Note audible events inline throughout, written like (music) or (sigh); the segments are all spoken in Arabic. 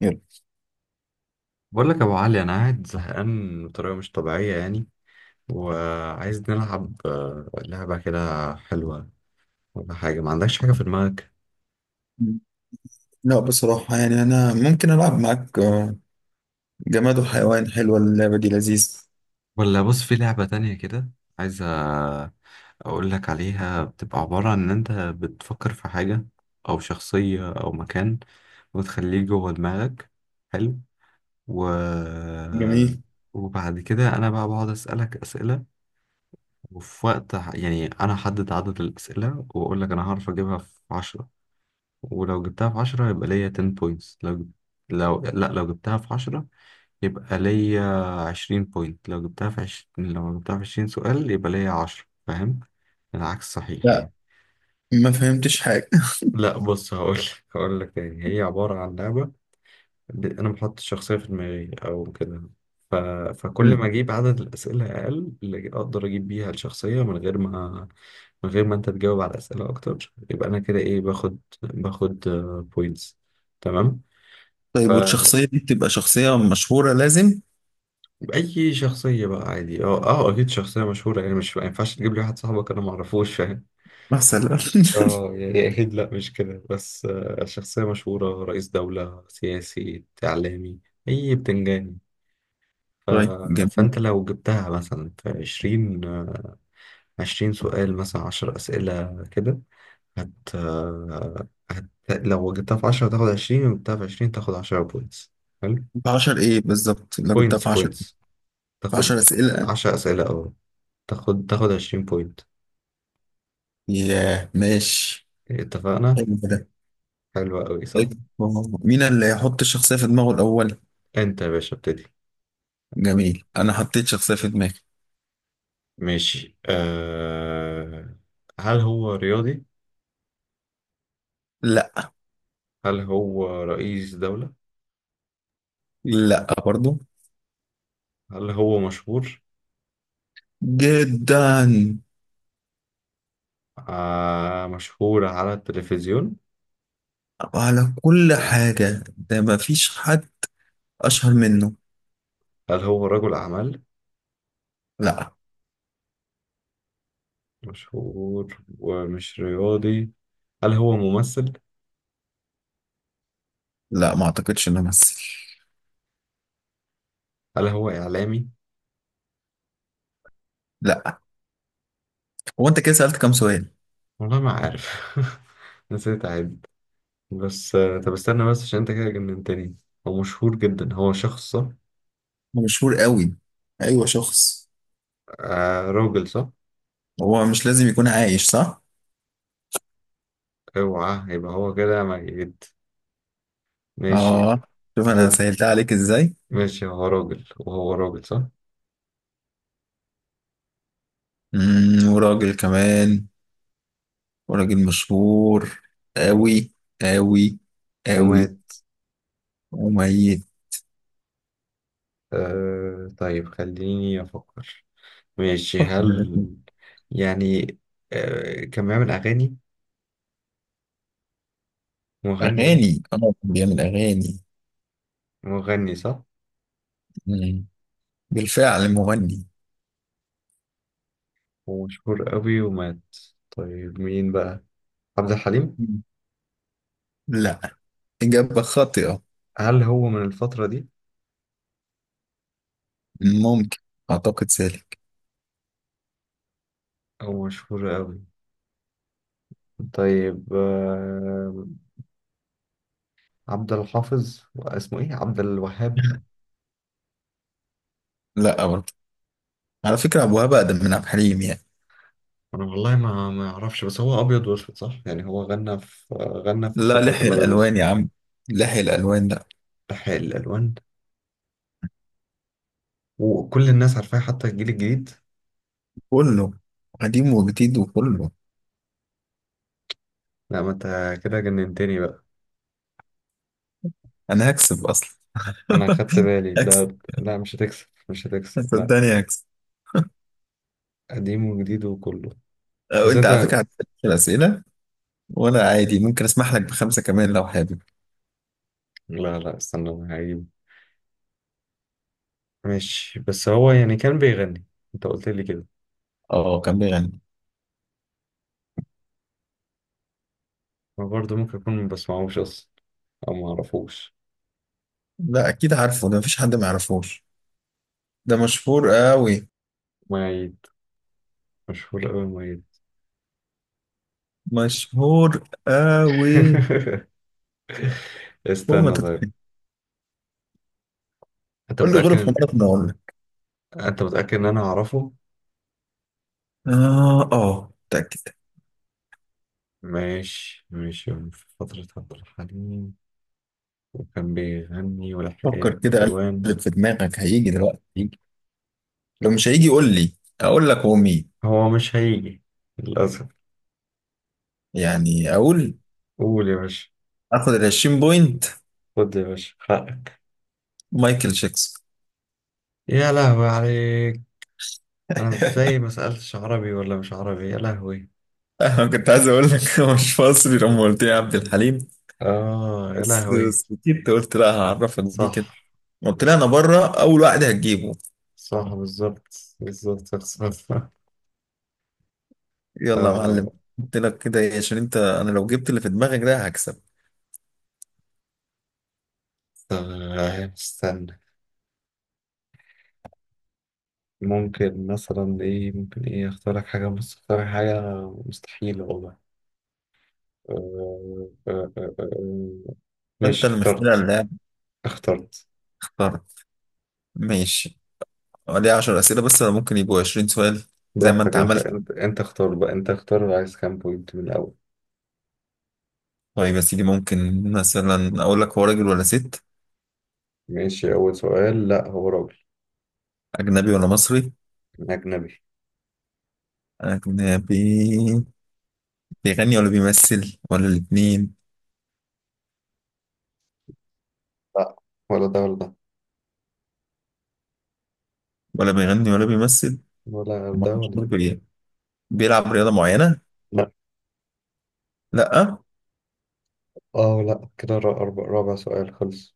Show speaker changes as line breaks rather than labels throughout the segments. يلا.
بقول لك يا ابو علي، انا قاعد زهقان بطريقه مش طبيعيه يعني. وعايز نلعب، لعبه كده حلوه. ولا حاجه؟ ما عندكش حاجه في دماغك؟
لا بصراحة، أنا ممكن ألعب معاك، جماد وحيوان. حلوة اللعبة دي، لذيذة.
ولا بص، في لعبه تانية كده عايز. اقول لك عليها. بتبقى عباره عن ان انت بتفكر في حاجه او شخصيه او مكان وتخليه جوه دماغك. حلو. و
جميل.
وبعد كده انا بقى بقعد اسالك اسئله. وفي وقت يعني انا احدد عدد الاسئله، واقول لك انا هعرف اجيبها في 10. ولو جبتها في عشرة يبقى ليا 10 بوينتس. لو لا لو جبتها في عشرة يبقى ليا 20 بوينت. لو جبتها في 20 سؤال يبقى ليا 10. فاهم؟ العكس صحيح
لا،
يعني.
ما فهمتش حاجة.
لا بص، هقول لك تاني، هي عبارة عن لعبة. أنا بحط الشخصية في دماغي أو كده. ف... فكل ما
(laughs)
أجيب عدد الأسئلة أقل، اللي أقدر أجيب بيها الشخصية من غير ما أنت تجاوب على أسئلة أكتر، يبقى أنا كده إيه، باخد بوينتس. تمام.
طيب، والشخصية دي بتبقى شخصية مشهورة لازم؟
اي شخصيه بقى عادي، اكيد شخصيه مشهوره يعني، مش ما ينفعش تجيب لي واحد صاحبك انا ما اعرفوش، فاهم؟
مثلا؟
اه
(laughs)
يعني اكيد. لا مش كده، بس شخصيه مشهوره، رئيس دوله، سياسي، اعلامي. اي بتنجاني. ف...
طيب جميل.
فانت لو جبتها مثلا في 20، 20 سؤال، مثلا 10 اسئله كده. هت... آه، هت لو جبتها في 10 تاخد 20، لو جبتها في 20 تاخد 10 بوينتس. حلو.
في 10 إيه بالظبط؟ لو جبتها
بوينتس
في 10،
بوينتس
في 10
تاخد.
أسئلة.
10 اسئله، تاخد 20 بوينت.
ياه، ماشي.
إيه، اتفقنا.
حلو كده.
حلوة أوي صح.
طيب، مين اللي هيحط الشخصية في دماغه الأول؟
أنت يا باشا ابتدي.
جميل، أنا حطيت شخصية في دماغي.
ماشي. هل هو رياضي؟
لا.
هل هو رئيس دولة؟
لا برضو.
هل هو مشهور؟
جدا.
مشهور على التلفزيون؟
على كل حاجة، ده ما فيش حد أشهر منه.
هل هو رجل أعمال؟
لا.
مشهور ومش رياضي. هل هو ممثل؟
لا، ما أعتقدش إنه ممثل.
هل هو إعلامي؟
لا. هو أنت كده سألت كام سؤال؟
والله ما عارف. (laughs) نسيت أعد. بس، طب استنى بس عشان أنت كده جننتني. هو مشهور جدا، هو شخص صح؟
هو مشهور قوي. أيوة، شخص.
آه راجل صح؟
هو مش لازم يكون عايش، صح؟
اوعى يبقى هو كده ميت. ماشي.
آه. شوف أنا
هو
سهلتها عليك إزاي.
ماشي، هو راجل وهو راجل صح؟
مم، وراجل كمان. وراجل مشهور قوي، قوي، قوي.
ومات.
وميت.
طيب خليني أفكر. ماشي.
فكر.
يعني، كان بيعمل أغاني؟ مغني يعني.
أغاني، آه كان بيعمل أغاني.
مغني صح؟
مم. بالفعل مغني.
ومشهور قوي ومات. طيب مين بقى؟ عبد الحليم؟
مم. لا، إجابة خاطئة.
هل هو من الفترة دي؟
ممكن، اعتقد سالك.
أو مشهور قوي؟ طيب، عبد الحافظ، اسمه إيه، عبد الوهاب؟
لا برضه. على فكره ابو وهاب اقدم من عبد الحليم يعني.
انا والله ما اعرفش، بس هو ابيض واسود صح؟ يعني هو غنى في
لا،
فتره
لحي
الابيض
الالوان يا
واسود.
عم، لحي الالوان، لا.
بحق الالوان. وكل الناس عارفاه حتى الجيل الجديد.
كله، قديم وجديد وكله.
لا، ما انت كده جننتني بقى.
انا هكسب اصلا.
انا
(laughs)
خدت بالي.
هكسب،
لا لا، مش هتكسب، مش هتكسب لا.
صدقني هكسب.
قديم وجديد وكله.
أو
بس
انت
انت.
على فكره هتسال الاسئله، وانا عادي ممكن اسمح لك بخمسه كمان لو حابب.
لا لا استنى، انا هجيبه. ماشي، بس هو يعني كان بيغني، انت قلت لي كده.
اه كان بيغني.
انا برضه ممكن اكون ما بسمعوش اصلا، او ما اعرفوش.
لا، اكيد عارفه. ده مفيش حد ما يعرفوش. ده مشهور قوي.
مؤيد؟ مشهور قوي مؤيد؟
مشهور قوي.
(laughs)
فوق ما
استنى طيب.
تتخيل.
انت
قول لي غروب
متأكد
حمارك ما اقول لك.
انت متأكد ان انا اعرفه؟
اه، اه متاكد.
ماشي، ماشي. في فترة عبد الحليم وكان بيغني ولحق
فكر كده،
الالوان.
قلب في دماغك، هيجي دلوقتي هيجي. لو مش هيجي قول لي اقول لك هو مين.
هو مش هيجي للاسف.
يعني اقول؟
قول يا باشا.
اخد ال 20 بوينت.
خد يا باشا حقك.
مايكل جاكسون.
يا لهوي عليك. انا ازاي ما سألتش عربي ولا مش عربي؟ يا لهوي.
(laughs) انا كنت عايز اقول لك هو مش مصري لما قلت لي عبد الحليم،
اه يا
بس
لهوي.
سكتت، قلت لا هعرفك بيه كده.
صح.
قلت لي انا بره اول واحد هتجيبه.
صح بالظبط، بالظبط صح. (laughs)
يلا يا معلم،
اه
قلت لك كده عشان انت انا لو جبت اللي في دماغك ده هكسب.
طب استنى. ممكن مثلا ايه، ممكن ايه، اختار لك حاجة مستحيلة والله. آه، آه، آه، آه. آه.
انت
ماشي،
اللي مخترع
اخترت.
اللعب.
اخترت.
اخترت. ماشي. ليه 10 اسئله بس، ولا ممكن يبقوا 20 سؤال؟ زي ما انت
براحتك، انت
عملت.
انت انت اختار بقى، انت اختار عايز كام بوينت من الاول.
طيب يا سيدي، ممكن مثلا اقول لك هو راجل ولا ست؟
ماشي، اول سؤال. لا، هو راجل.
اجنبي ولا مصري؟
اجنبي.
اجنبي. بيغني ولا بيمثل ولا الاتنين؟
لا، ولا ده ولا ده،
ولا بيغني ولا بيمثل؟
ولا
أما
ده ولا
مشهور
ده.
بايه؟ بيلعب رياضة معينة؟
لا
لا اه؟
اه لا كده، رابع سؤال خلص.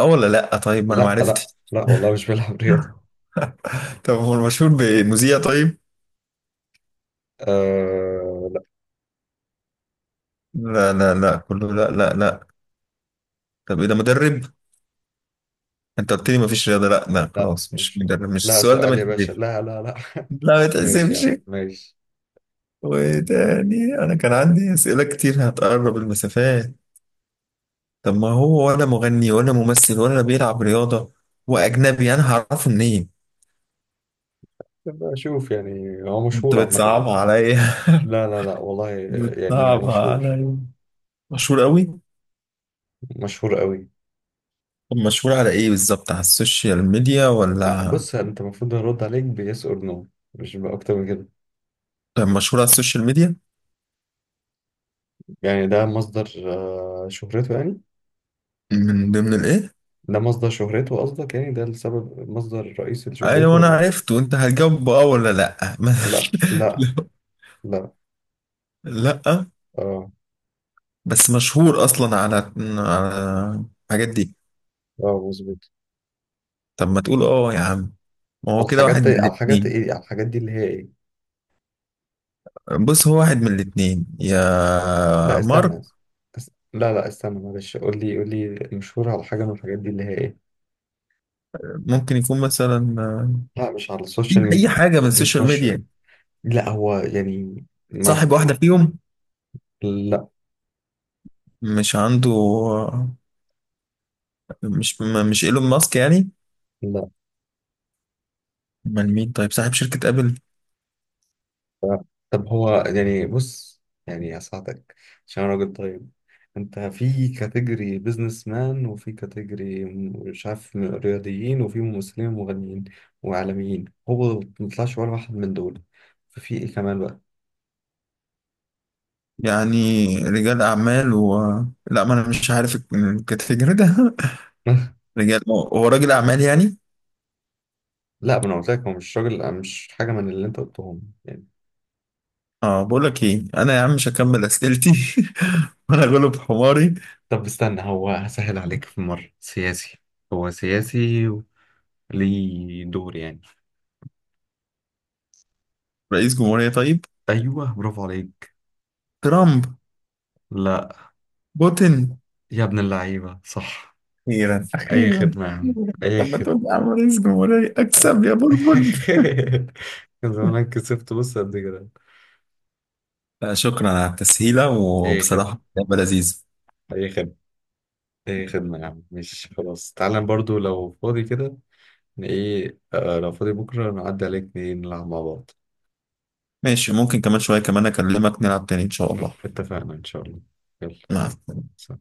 ولا لا؟ طيب، ما انا ما
لا لا
عرفتش.
لا والله، مش بيلعب رياضة.
(laughs) طب هو المشهور بمذيع طيب؟
آه لا،
لا، لا كله، لا لا. طب ايه ده، مدرب؟ انت قلت لي ما فيش رياضة، لا
لا
خلاص مش
مش،
مدرب، مش
لا
السؤال ده، ما
سؤال يا باشا،
يتحسبش.
لا لا لا. (laughs)
لا ما
ماشي يا
يتحسبش.
عم ماشي.
وتاني، انا كان عندي اسئلة كتير هتقرب المسافات. طب ما هو ولا مغني ولا ممثل ولا بيلعب رياضة، وأجنبي، أنا هعرفه منين؟
نبقى اشوف، يعني هو
أنت
مشهور عامة.
بتصعبها عليا.
لا لا لا والله.
(laughs)
يعني هو
بتصعبها
مشهور،
عليا. مشهور قوي؟
مشهور قوي.
طب مشهور على إيه بالظبط؟ على السوشيال ميديا ولا؟
بص، انت المفروض ارد عليك بيس اور نو، مش اكتر من كده.
طب مشهور على السوشيال ميديا؟
يعني ده مصدر شهرته يعني.
من ضمن الإيه؟
ده مصدر شهرته قصدك، يعني ده السبب مصدر رئيسي لشهرته
أيوة أنا
ولا؟
عرفت، وأنت هتجاوب بأه ولا لأ؟ (laughs)
لا لا. لا،
لأ.
اه
بس مشهور أصلا على، على الحاجات دي.
اه، مظبوط.
طب ما تقول أه يا عم، ما هو
على
كده
الحاجات
واحد
دي،
من الاتنين.
على الحاجات دي اللي هي ايه؟
بص هو واحد من الاتنين، يا
لا
مارك.
استنى لا لا استنى، معلش، قول لي مشهور على حاجة من الحاجات دي اللي هي ايه؟
ممكن يكون مثلا
لا، مش على
في
السوشيال
اي
ميديا.
حاجه من
مش
السوشيال
مش
ميديا،
لا هو يعني،
صاحب واحده فيهم؟
لا
مش عنده مش ايلون ماسك يعني؟
لا
امال مين طيب، صاحب شركه ابل؟
لا. طب هو، يعني بص، يعني هساعدك. عشان أنا راجل طيب، انت في كاتيجوري بيزنس مان، وفي كاتيجوري مش عارف رياضيين، وفي ممثلين ومغنيين وإعلاميين، هو ما طلعش ولا واحد من دول. ففي ايه كمان بقى؟
يعني رجال اعمال و... لا ما انا مش عارف الكاتيجوري ده. (laughs)
(laughs)
رجال، هو راجل اعمال يعني؟
لا، ما انا قلت لك هو مش راجل، مش حاجة من اللي انت قلتهم يعني.
اه، بقول لك ايه انا يا عم، مش هكمل اسئلتي. (laughs) وانا غلب حماري.
طب استنى، هو هسهل عليك في مرة. سياسي، هو سياسي ليه دور يعني.
رئيس جمهوريه طيب؟
ايوه، برافو عليك.
ترامب؟
لا.
بوتين؟
يا ابن اللعيبة، صح.
أخيرا،
اي
أخيرا.
خدمة يا عم، اي
طب ما
خدمة.
تقول يا عم رئيس جمهورية، أكسب يا بلبل.
(laughs) كان زمانك كسبت، بص، قد كده.
لا شكرا على التسهيلة،
اي خدمة،
وبصراحة لعبة لذيذة.
اي خدمة، اي خدمة يا عم. مش خلاص، تعالى برضو لو فاضي كده. ايه، لو فاضي بكرة نعدي عليك نلعب مع بعض.
ماشي، ممكن كمان شوية كمان أكلمك نلعب تاني إن شاء الله.
اتفقنا ان شاء الله. يلا.
مع.
سلام.